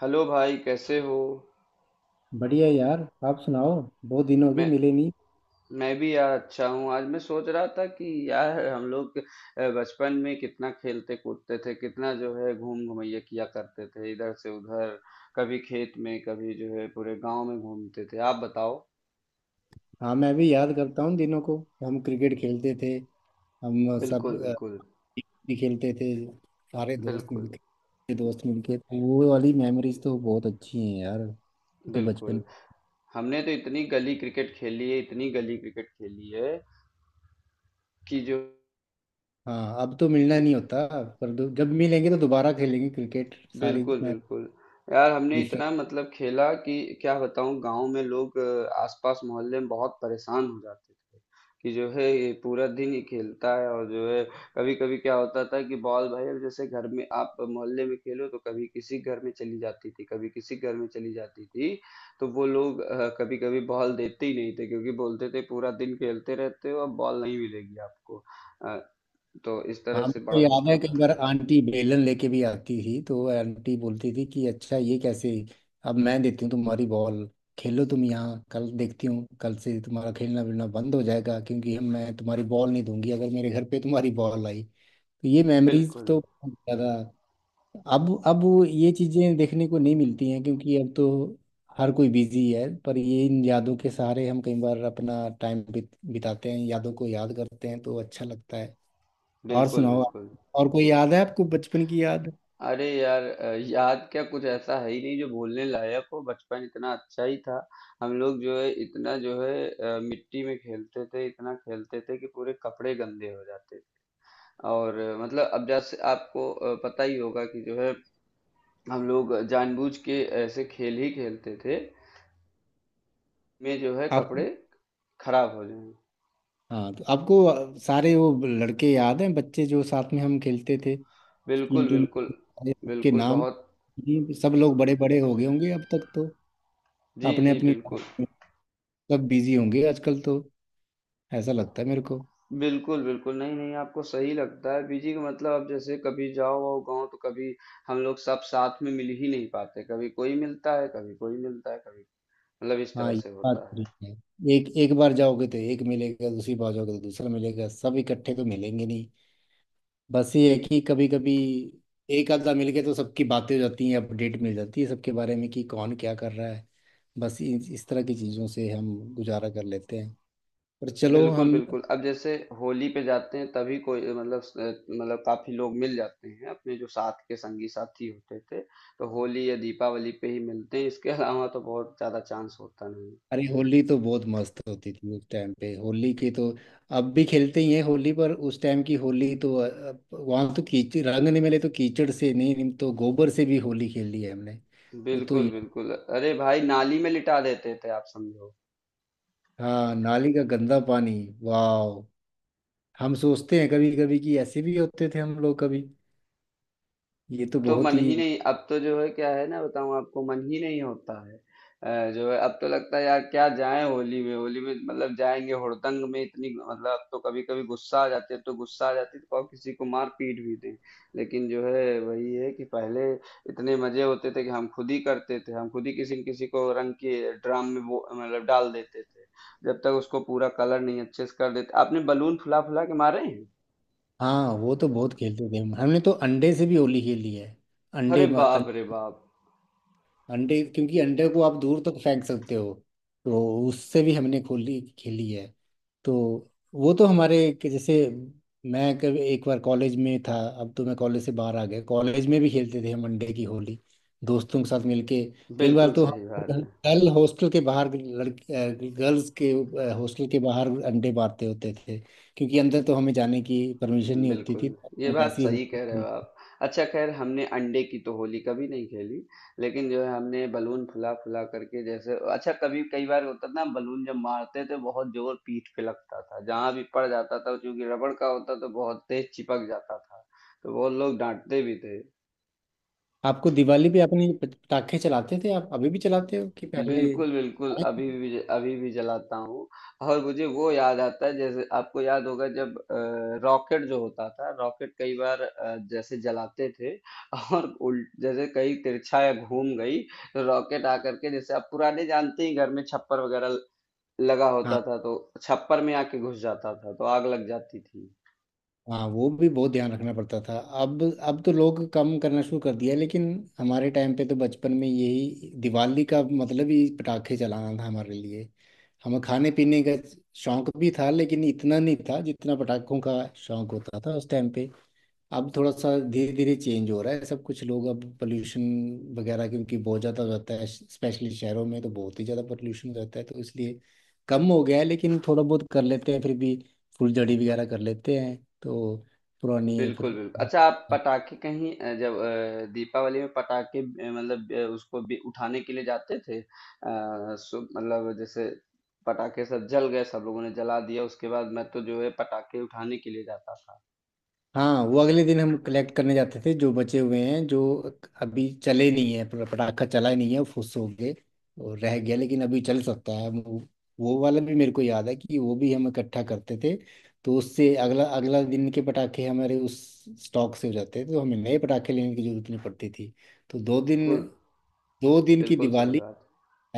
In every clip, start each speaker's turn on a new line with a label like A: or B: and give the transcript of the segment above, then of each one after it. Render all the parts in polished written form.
A: Hello भाई कैसे हो।
B: बढ़िया यार। आप सुनाओ। बहुत दिन हो गए
A: मैं
B: मिले नहीं।
A: मैं भी यार अच्छा हूँ। आज मैं सोच रहा था कि यार हम लोग बचपन में कितना खेलते कूदते थे, कितना जो है घूम घुमैया किया करते थे, इधर से उधर, कभी खेत में, कभी जो है पूरे गांव में घूमते थे। आप बताओ।
B: हाँ, मैं भी याद करता हूँ दिनों को। हम क्रिकेट खेलते थे। हम सब
A: बिल्कुल बिल्कुल
B: भी खेलते थे। सारे दोस्त
A: बिल्कुल
B: मिलके दोस्त मिलके तो वो वाली मेमोरीज तो बहुत अच्छी हैं यार। वो तो
A: बिल्कुल
B: बचपन।
A: हमने तो इतनी गली क्रिकेट खेली है, इतनी गली क्रिकेट खेली है कि।
B: हाँ, अब तो मिलना नहीं होता। पर जब मिलेंगे तो दोबारा खेलेंगे क्रिकेट। सारी।
A: बिल्कुल, बिल्कुल। यार हमने इतना मतलब खेला कि क्या बताऊँ। गाँव में लोग आस-पास मोहल्ले में बहुत परेशान हो जाते थे कि जो है ये पूरा दिन ही खेलता है, और जो है कभी-कभी क्या होता था कि बॉल, भाई अब जैसे घर में आप मोहल्ले में खेलो तो कभी किसी घर में चली जाती थी, कभी किसी घर में चली जाती थी, तो वो लोग कभी-कभी बॉल देते ही नहीं थे, क्योंकि बोलते थे पूरा दिन खेलते रहते हो, अब बॉल नहीं मिलेगी आपको। अ, तो इस तरह
B: हाँ,
A: से
B: मुझे तो
A: बड़ा
B: याद
A: होता
B: है
A: था।
B: कई बार आंटी बेलन लेके भी आती थी, तो आंटी बोलती थी कि अच्छा ये कैसे, अब मैं देती हूँ तुम्हारी बॉल। खेलो तुम यहाँ, कल देखती हूँ। कल से तुम्हारा खेलना वेलना बंद हो जाएगा, क्योंकि हम मैं तुम्हारी बॉल नहीं दूंगी अगर मेरे घर पे तुम्हारी बॉल आई। तो ये मेमोरीज
A: बिल्कुल,
B: तो बहुत ज्यादा। अब वो ये चीजें देखने को नहीं मिलती हैं, क्योंकि अब तो हर कोई बिजी है। पर ये इन यादों के सहारे हम कई बार अपना टाइम बिताते हैं, यादों को याद करते हैं तो अच्छा लगता है। और
A: बिल्कुल,
B: सुनाओ।
A: बिल्कुल।
B: और कोई याद है आपको बचपन की याद?
A: अरे यार, याद क्या, कुछ ऐसा है ही नहीं जो भूलने लायक हो। बचपन इतना अच्छा ही था। हम लोग जो है इतना जो है मिट्टी में खेलते थे, इतना खेलते थे कि पूरे कपड़े गंदे हो जाते थे। और मतलब अब जैसे आपको पता ही होगा कि जो है हम लोग जानबूझ के ऐसे खेल ही खेलते थे में जो है कपड़े
B: आपको।
A: खराब हो जाए।
B: हाँ, तो आपको सारे वो लड़के याद हैं, बच्चे जो साथ में हम खेलते थे? टीम
A: बिल्कुल
B: टीम में
A: बिल्कुल
B: सबके
A: बिल्कुल
B: नाम।
A: बहुत।
B: ये सब लोग बड़े बड़े हो गए होंगे अब तक तो।
A: जी
B: अपने
A: जी
B: अपनी
A: बिल्कुल।
B: लाइफ में। सब बिजी होंगे आजकल तो। ऐसा लगता है मेरे को।
A: बिल्कुल। नहीं, नहीं, आपको सही लगता है। पीजी का मतलब अब जैसे कभी जाओ आओ गाँव, तो कभी हम लोग सब साथ में मिल ही नहीं पाते। कभी कोई मिलता है, कभी कोई मिलता है, कभी मतलब इस
B: हाँ,
A: तरह
B: ये
A: से
B: बात
A: होता है।
B: ठीक है। एक एक बार जाओगे तो एक मिलेगा, दूसरी बार जाओगे तो दूसरा मिलेगा। सब इकट्ठे तो मिलेंगे नहीं। बस ये है कि कभी कभी एक आधा मिल के तो सबकी बातें हो जाती हैं, अपडेट मिल जाती है सबके बारे में कि कौन क्या कर रहा है। बस इस तरह की चीज़ों से हम गुजारा कर लेते हैं। पर चलो
A: बिल्कुल,
B: हम।
A: बिल्कुल। अब जैसे होली पे जाते हैं तभी कोई मतलब स मतलब काफ़ी लोग मिल जाते हैं, अपने जो साथ के संगी-साथी होते थे, तो होली या दीपावली पे ही मिलते हैं। इसके अलावा तो बहुत ज़्यादा चांस होता नहीं है।
B: अरे, होली तो बहुत मस्त होती थी उस टाइम पे। होली की तो अब भी खेलते ही हैं होली पर। उस टाइम की होली तो वहाँ तो कीचड़, रंग नहीं मिले तो कीचड़ से, नहीं नहीं तो गोबर से भी होली खेली है हमने। वो तो
A: बिल्कुल,
B: यार।
A: बिल्कुल। अरे भाई नाली में लिटा देते थे, आप समझो।
B: हाँ, नाली का गंदा पानी। वाह। हम सोचते हैं कभी कभी कि ऐसे भी होते थे हम लोग कभी। ये तो
A: अब तो
B: बहुत
A: मन
B: ही।
A: ही नहीं, अब तो जो है क्या है ना बताऊं आपको, मन ही नहीं होता है। जो है अब तो लगता है यार क्या जाएं होली में। होली में मतलब जाएंगे हुड़दंग में, इतनी मतलब अब तो कभी कभी गुस्सा आ जाती है, अब तो गुस्सा आ जाती है तो कहो किसी को मार पीट भी दें। लेकिन जो है वही है कि पहले इतने मजे होते थे कि हम खुद ही करते थे, हम खुद ही किसी न किसी को रंग के ड्राम में वो मतलब डाल देते थे, जब तक उसको पूरा कलर नहीं अच्छे से कर देते। आपने बलून फुला फुला के मारे हैं।
B: हाँ, वो तो बहुत खेलते थे हम। हमने तो अंडे से भी होली खेली है।
A: अरे
B: अंडे।
A: बाप रे बाप।
B: अंडे, क्योंकि अंडे को आप दूर तक फेंक सकते हो, तो उससे भी हमने खोली खेली है। तो वो तो हमारे, कि जैसे, मैं कभी एक बार कॉलेज में था। अब तो मैं कॉलेज से बाहर आ गया। कॉलेज में भी खेलते थे हम अंडे की होली दोस्तों के साथ मिलके। कई बार
A: बिल्कुल
B: तो
A: सही
B: हम
A: बात है।
B: गर्ल हॉस्टल के बाहर, लड़के गर्ल्स के हॉस्टल के बाहर अंडे बांटते होते थे, क्योंकि अंदर तो हमें जाने की परमिशन नहीं होती
A: बिल्कुल,
B: थी,
A: ये
B: तो
A: बात
B: ऐसी
A: सही कह रहे हो
B: होती।
A: आप। अच्छा खैर, हमने अंडे की तो होली कभी नहीं खेली, लेकिन जो है हमने बलून फुला फुला करके, जैसे अच्छा कभी कई बार होता था ना, बलून जब मारते थे बहुत जोर पीठ पे लगता था, जहां भी पड़ जाता था, चूंकि रबड़ का होता तो बहुत तेज चिपक जाता था, तो बहुत लोग डांटते भी थे।
B: आपको दिवाली पे, आपने ये पटाखे चलाते थे, आप अभी भी चलाते हो कि पहले?
A: बिल्कुल, बिल्कुल। अभी भी, अभी भी जलाता हूँ। और मुझे वो याद आता है, जैसे आपको याद होगा जब रॉकेट जो होता था, रॉकेट कई बार जैसे जलाते थे और उल जैसे कहीं तिरछा या घूम गई तो रॉकेट आकर के, जैसे आप पुराने जानते ही, घर में छप्पर वगैरह लगा होता
B: हाँ
A: था, तो छप्पर में आके घुस जाता था, तो आग लग जाती थी।
B: हाँ। वो भी बहुत ध्यान रखना पड़ता था। अब तो लोग कम करना शुरू कर दिया, लेकिन हमारे टाइम पे तो बचपन में यही दिवाली का मतलब ही पटाखे चलाना था हमारे लिए। हमें खाने पीने का शौक भी था, लेकिन इतना नहीं था जितना पटाखों का शौक होता था उस टाइम पे। अब थोड़ा सा धीरे धीरे चेंज हो रहा है सब कुछ। लोग अब पोल्यूशन वगैरह, क्योंकि बहुत ज़्यादा रहता है स्पेशली शहरों में, तो बहुत ही ज़्यादा पोल्यूशन रहता है तो इसलिए कम हो गया है। लेकिन थोड़ा बहुत कर लेते हैं फिर भी, फुलझड़ी वगैरह कर लेते हैं तो। पुरानी
A: बिल्कुल
B: फिर।
A: बिल्कुल। अच्छा, आप पटाखे कहीं जब दीपावली में पटाखे मतलब उसको भी उठाने के लिए जाते थे? सो मतलब जैसे पटाखे सब जल गए, सब लोगों ने जला दिया, उसके बाद मैं तो जो है पटाखे उठाने के लिए जाता था।
B: हाँ, वो अगले दिन हम कलेक्ट करने जाते थे, जो बचे हुए हैं, जो अभी चले नहीं है, पूरा पटाखा चला ही नहीं है, फुस हो गए और रह गया लेकिन अभी चल सकता है वो। वो वाला भी मेरे को याद है कि वो भी हम इकट्ठा करते थे। तो उससे अगला अगला दिन के पटाखे हमारे उस स्टॉक से हो जाते थे, तो हमें नए पटाखे लेने की जरूरत नहीं पड़ती थी। तो 2 दिन,
A: बिल्कुल।
B: 2 दिन की
A: बिल्कुल सही
B: दिवाली।
A: बात।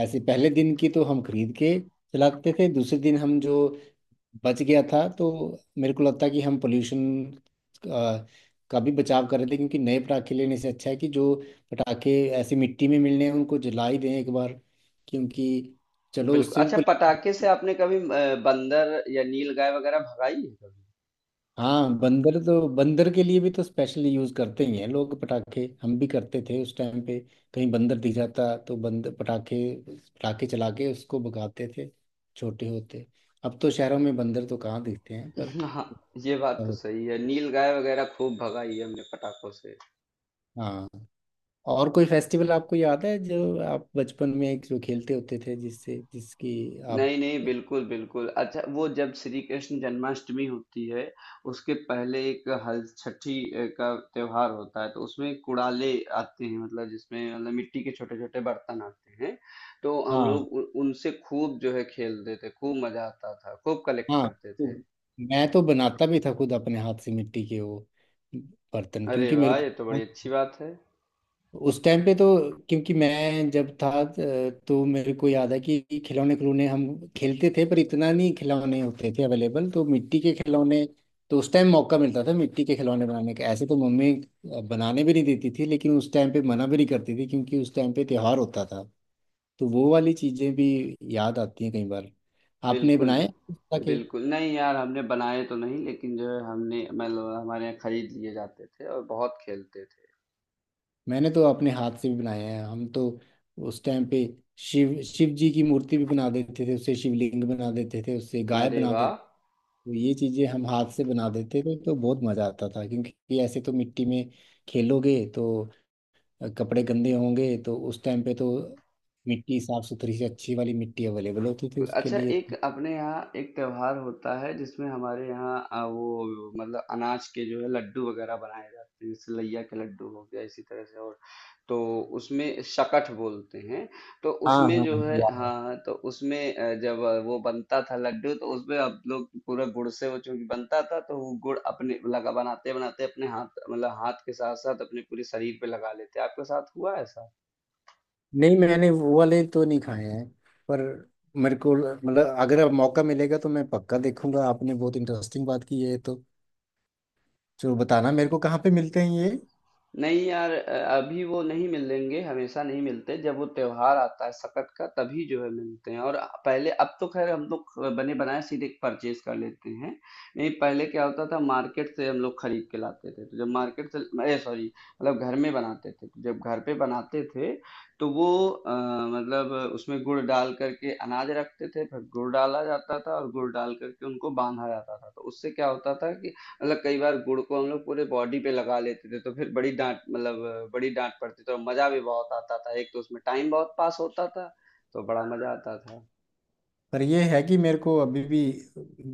B: ऐसे पहले दिन की तो हम खरीद के चलाते थे, दूसरे दिन हम जो बच गया था। तो मेरे को लगता है कि हम पोल्यूशन का भी बचाव कर रहे थे, क्योंकि नए पटाखे लेने से अच्छा है कि जो पटाखे ऐसी मिट्टी में मिलने हैं उनको जला ही दें एक बार, क्योंकि चलो
A: बिल्कुल।
B: उससे भी
A: अच्छा,
B: पोल्यू-
A: पटाखे से आपने कभी बंदर या नील गाय वगैरह भगाई है कभी?
B: हाँ, बंदर तो, बंदर के लिए भी तो स्पेशल यूज करते ही हैं लोग पटाखे, हम भी करते थे उस टाइम पे। कहीं बंदर दिख जाता तो बंदर, पटाखे पटाखे चला के उसको भगाते थे छोटे होते। अब तो शहरों में बंदर तो कहाँ दिखते हैं पर।
A: हाँ, ये बात तो सही है, नील गाय वगैरह खूब भगाई है हमने पटाखों से।
B: हाँ। और कोई फेस्टिवल आपको याद है जो आप बचपन में जो खेलते होते थे, जिससे, जिसकी आप?
A: नहीं नहीं बिल्कुल बिल्कुल। अच्छा, वो जब श्री कृष्ण जन्माष्टमी होती है, उसके पहले एक हल छठी का त्योहार होता है, तो उसमें कुड़ाले आते हैं, मतलब जिसमें मतलब मिट्टी के छोटे छोटे बर्तन आते हैं, तो हम
B: हाँ,
A: लोग उनसे खूब जो है खेलते थे, खूब मजा आता था, खूब कलेक्ट
B: हाँ।
A: करते
B: तो
A: थे।
B: मैं तो बनाता भी था खुद अपने हाथ से मिट्टी के वो बर्तन,
A: अरे
B: क्योंकि मेरे
A: वाह,
B: को,
A: ये तो बड़ी अच्छी बात है।
B: उस टाइम पे तो, क्योंकि मैं जब था तो मेरे को याद है कि खिलौने, खिलौने हम खेलते थे, पर इतना नहीं खिलौने होते थे अवेलेबल, तो मिट्टी के खिलौने। तो उस टाइम मौका मिलता था मिट्टी के खिलौने बनाने का। ऐसे तो मम्मी बनाने भी नहीं देती थी, लेकिन उस टाइम पे मना भी नहीं करती थी, क्योंकि उस टाइम पे त्योहार होता था। तो वो वाली चीज़ें भी याद आती हैं कई बार। आपने
A: बिल्कुल
B: बनाए?
A: बिल्कुल। नहीं यार, हमने बनाए तो नहीं, लेकिन जो है हमने मतलब हमारे यहाँ खरीद लिए जाते थे और बहुत खेलते थे।
B: मैंने तो अपने हाथ से भी बनाए हैं हम तो। उस टाइम पे शिव शिव जी की मूर्ति भी बना देते थे उससे, शिवलिंग बना देते थे उससे, गाय
A: अरे
B: बना
A: वाह।
B: देते थे। तो ये चीजें हम हाथ से बना देते थे, तो बहुत मजा आता था। क्योंकि ऐसे तो मिट्टी में खेलोगे तो कपड़े गंदे होंगे, तो उस टाइम पे तो मिट्टी साफ सुथरी से अच्छी वाली मिट्टी अवेलेबल होती थी उसके
A: अच्छा,
B: लिए।
A: एक अपने यहाँ एक त्योहार होता है जिसमें हमारे यहाँ वो मतलब अनाज के जो है लड्डू वगैरह बनाए जाते हैं, जैसे लैया के लड्डू हो गया, इसी तरह से और, तो उसमें शकट बोलते हैं। तो
B: हाँ,
A: उसमें
B: हाँ,
A: जो
B: हाँ,
A: है,
B: याद है।
A: हाँ हाँ, तो उसमें जब वो बनता था लड्डू, तो उसमें हम लोग पूरा गुड़ से वो चूंकि बनता था, तो वो गुड़ अपने लगा, बनाते बनाते अपने हाथ मतलब हाथ के साथ साथ अपने पूरे शरीर पे लगा लेते। आपके साथ हुआ ऐसा?
B: नहीं, मैंने वो वाले तो नहीं खाए हैं, पर मेरे को मतलब अगर अब मौका मिलेगा तो मैं पक्का देखूंगा। आपने बहुत इंटरेस्टिंग बात की है, तो जरूर बताना मेरे को कहाँ पे मिलते हैं ये।
A: नहीं यार, अभी वो नहीं मिलेंगे, हमेशा नहीं मिलते, जब वो त्योहार आता है सकत का, तभी जो है मिलते हैं। और पहले, अब तो खैर हम लोग बने बनाए सीधे परचेज कर लेते हैं। नहीं पहले क्या होता था, मार्केट से हम लोग खरीद के लाते थे, तो जब मार्केट से, अरे सॉरी, मतलब घर में बनाते थे, तो जब घर पे बनाते थे तो वो मतलब उसमें गुड़ डाल करके अनाज रखते थे, फिर गुड़ डाला जाता था और गुड़ डाल करके उनको बांधा जाता था, तो उससे क्या होता था कि मतलब कई बार गुड़ को हम लोग पूरे बॉडी पे लगा लेते थे, तो फिर बड़ी डांट मतलब बड़ी डांट पड़ती थी और मजा भी बहुत आता था। एक तो उसमें टाइम बहुत पास होता था, तो बड़ा मजा आता था।
B: पर ये है कि मेरे को अभी भी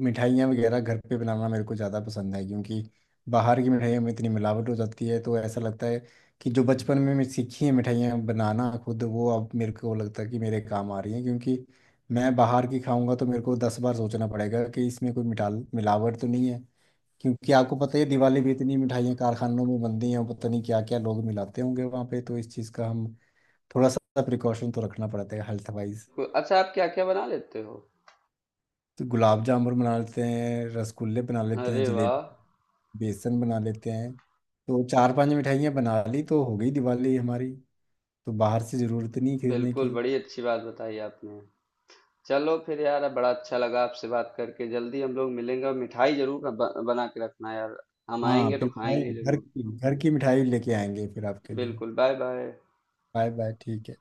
B: मिठाइयाँ वगैरह घर पे बनाना मेरे को ज़्यादा पसंद है, क्योंकि बाहर की मिठाइयों में इतनी मिलावट हो जाती है। तो ऐसा लगता है कि जो बचपन में मैं सीखी है मिठाइयाँ बनाना खुद, वो अब मेरे को लगता है कि मेरे काम आ रही हैं, क्योंकि मैं बाहर की खाऊंगा तो मेरे को दस बार सोचना पड़ेगा कि इसमें कोई मिठाल, मिलावट तो नहीं है। क्योंकि आपको पता ही है, दिवाली भी इतनी मिठाइयाँ कारखानों में बनती हैं, पता नहीं क्या क्या लोग मिलाते होंगे वहाँ पे। तो इस चीज़ का हम थोड़ा सा प्रिकॉशन तो रखना पड़ता है हेल्थ वाइज।
A: अच्छा, आप क्या क्या बना लेते हो?
B: तो गुलाब जामुन बना लेते हैं, रसगुल्ले बना लेते हैं,
A: अरे वाह।
B: जलेबी, बेसन बना लेते हैं, तो चार पांच मिठाइयाँ बना ली तो हो गई दिवाली हमारी। तो बाहर से ज़रूरत नहीं खरीदने
A: बिल्कुल,
B: की।
A: बड़ी अच्छी बात बताई आपने। चलो फिर यार, बड़ा अच्छा लगा आपसे बात करके। जल्दी हम लोग मिलेंगे और मिठाई जरूर बना के रखना यार, हम
B: हाँ,
A: आएंगे तो
B: फिर मिठाई,
A: खाएंगे
B: घर
A: जरूर।
B: की घर की मिठाई लेके आएंगे फिर आपके लिए।
A: बिल्कुल, बाय बाय।
B: Bye bye. ठीक है।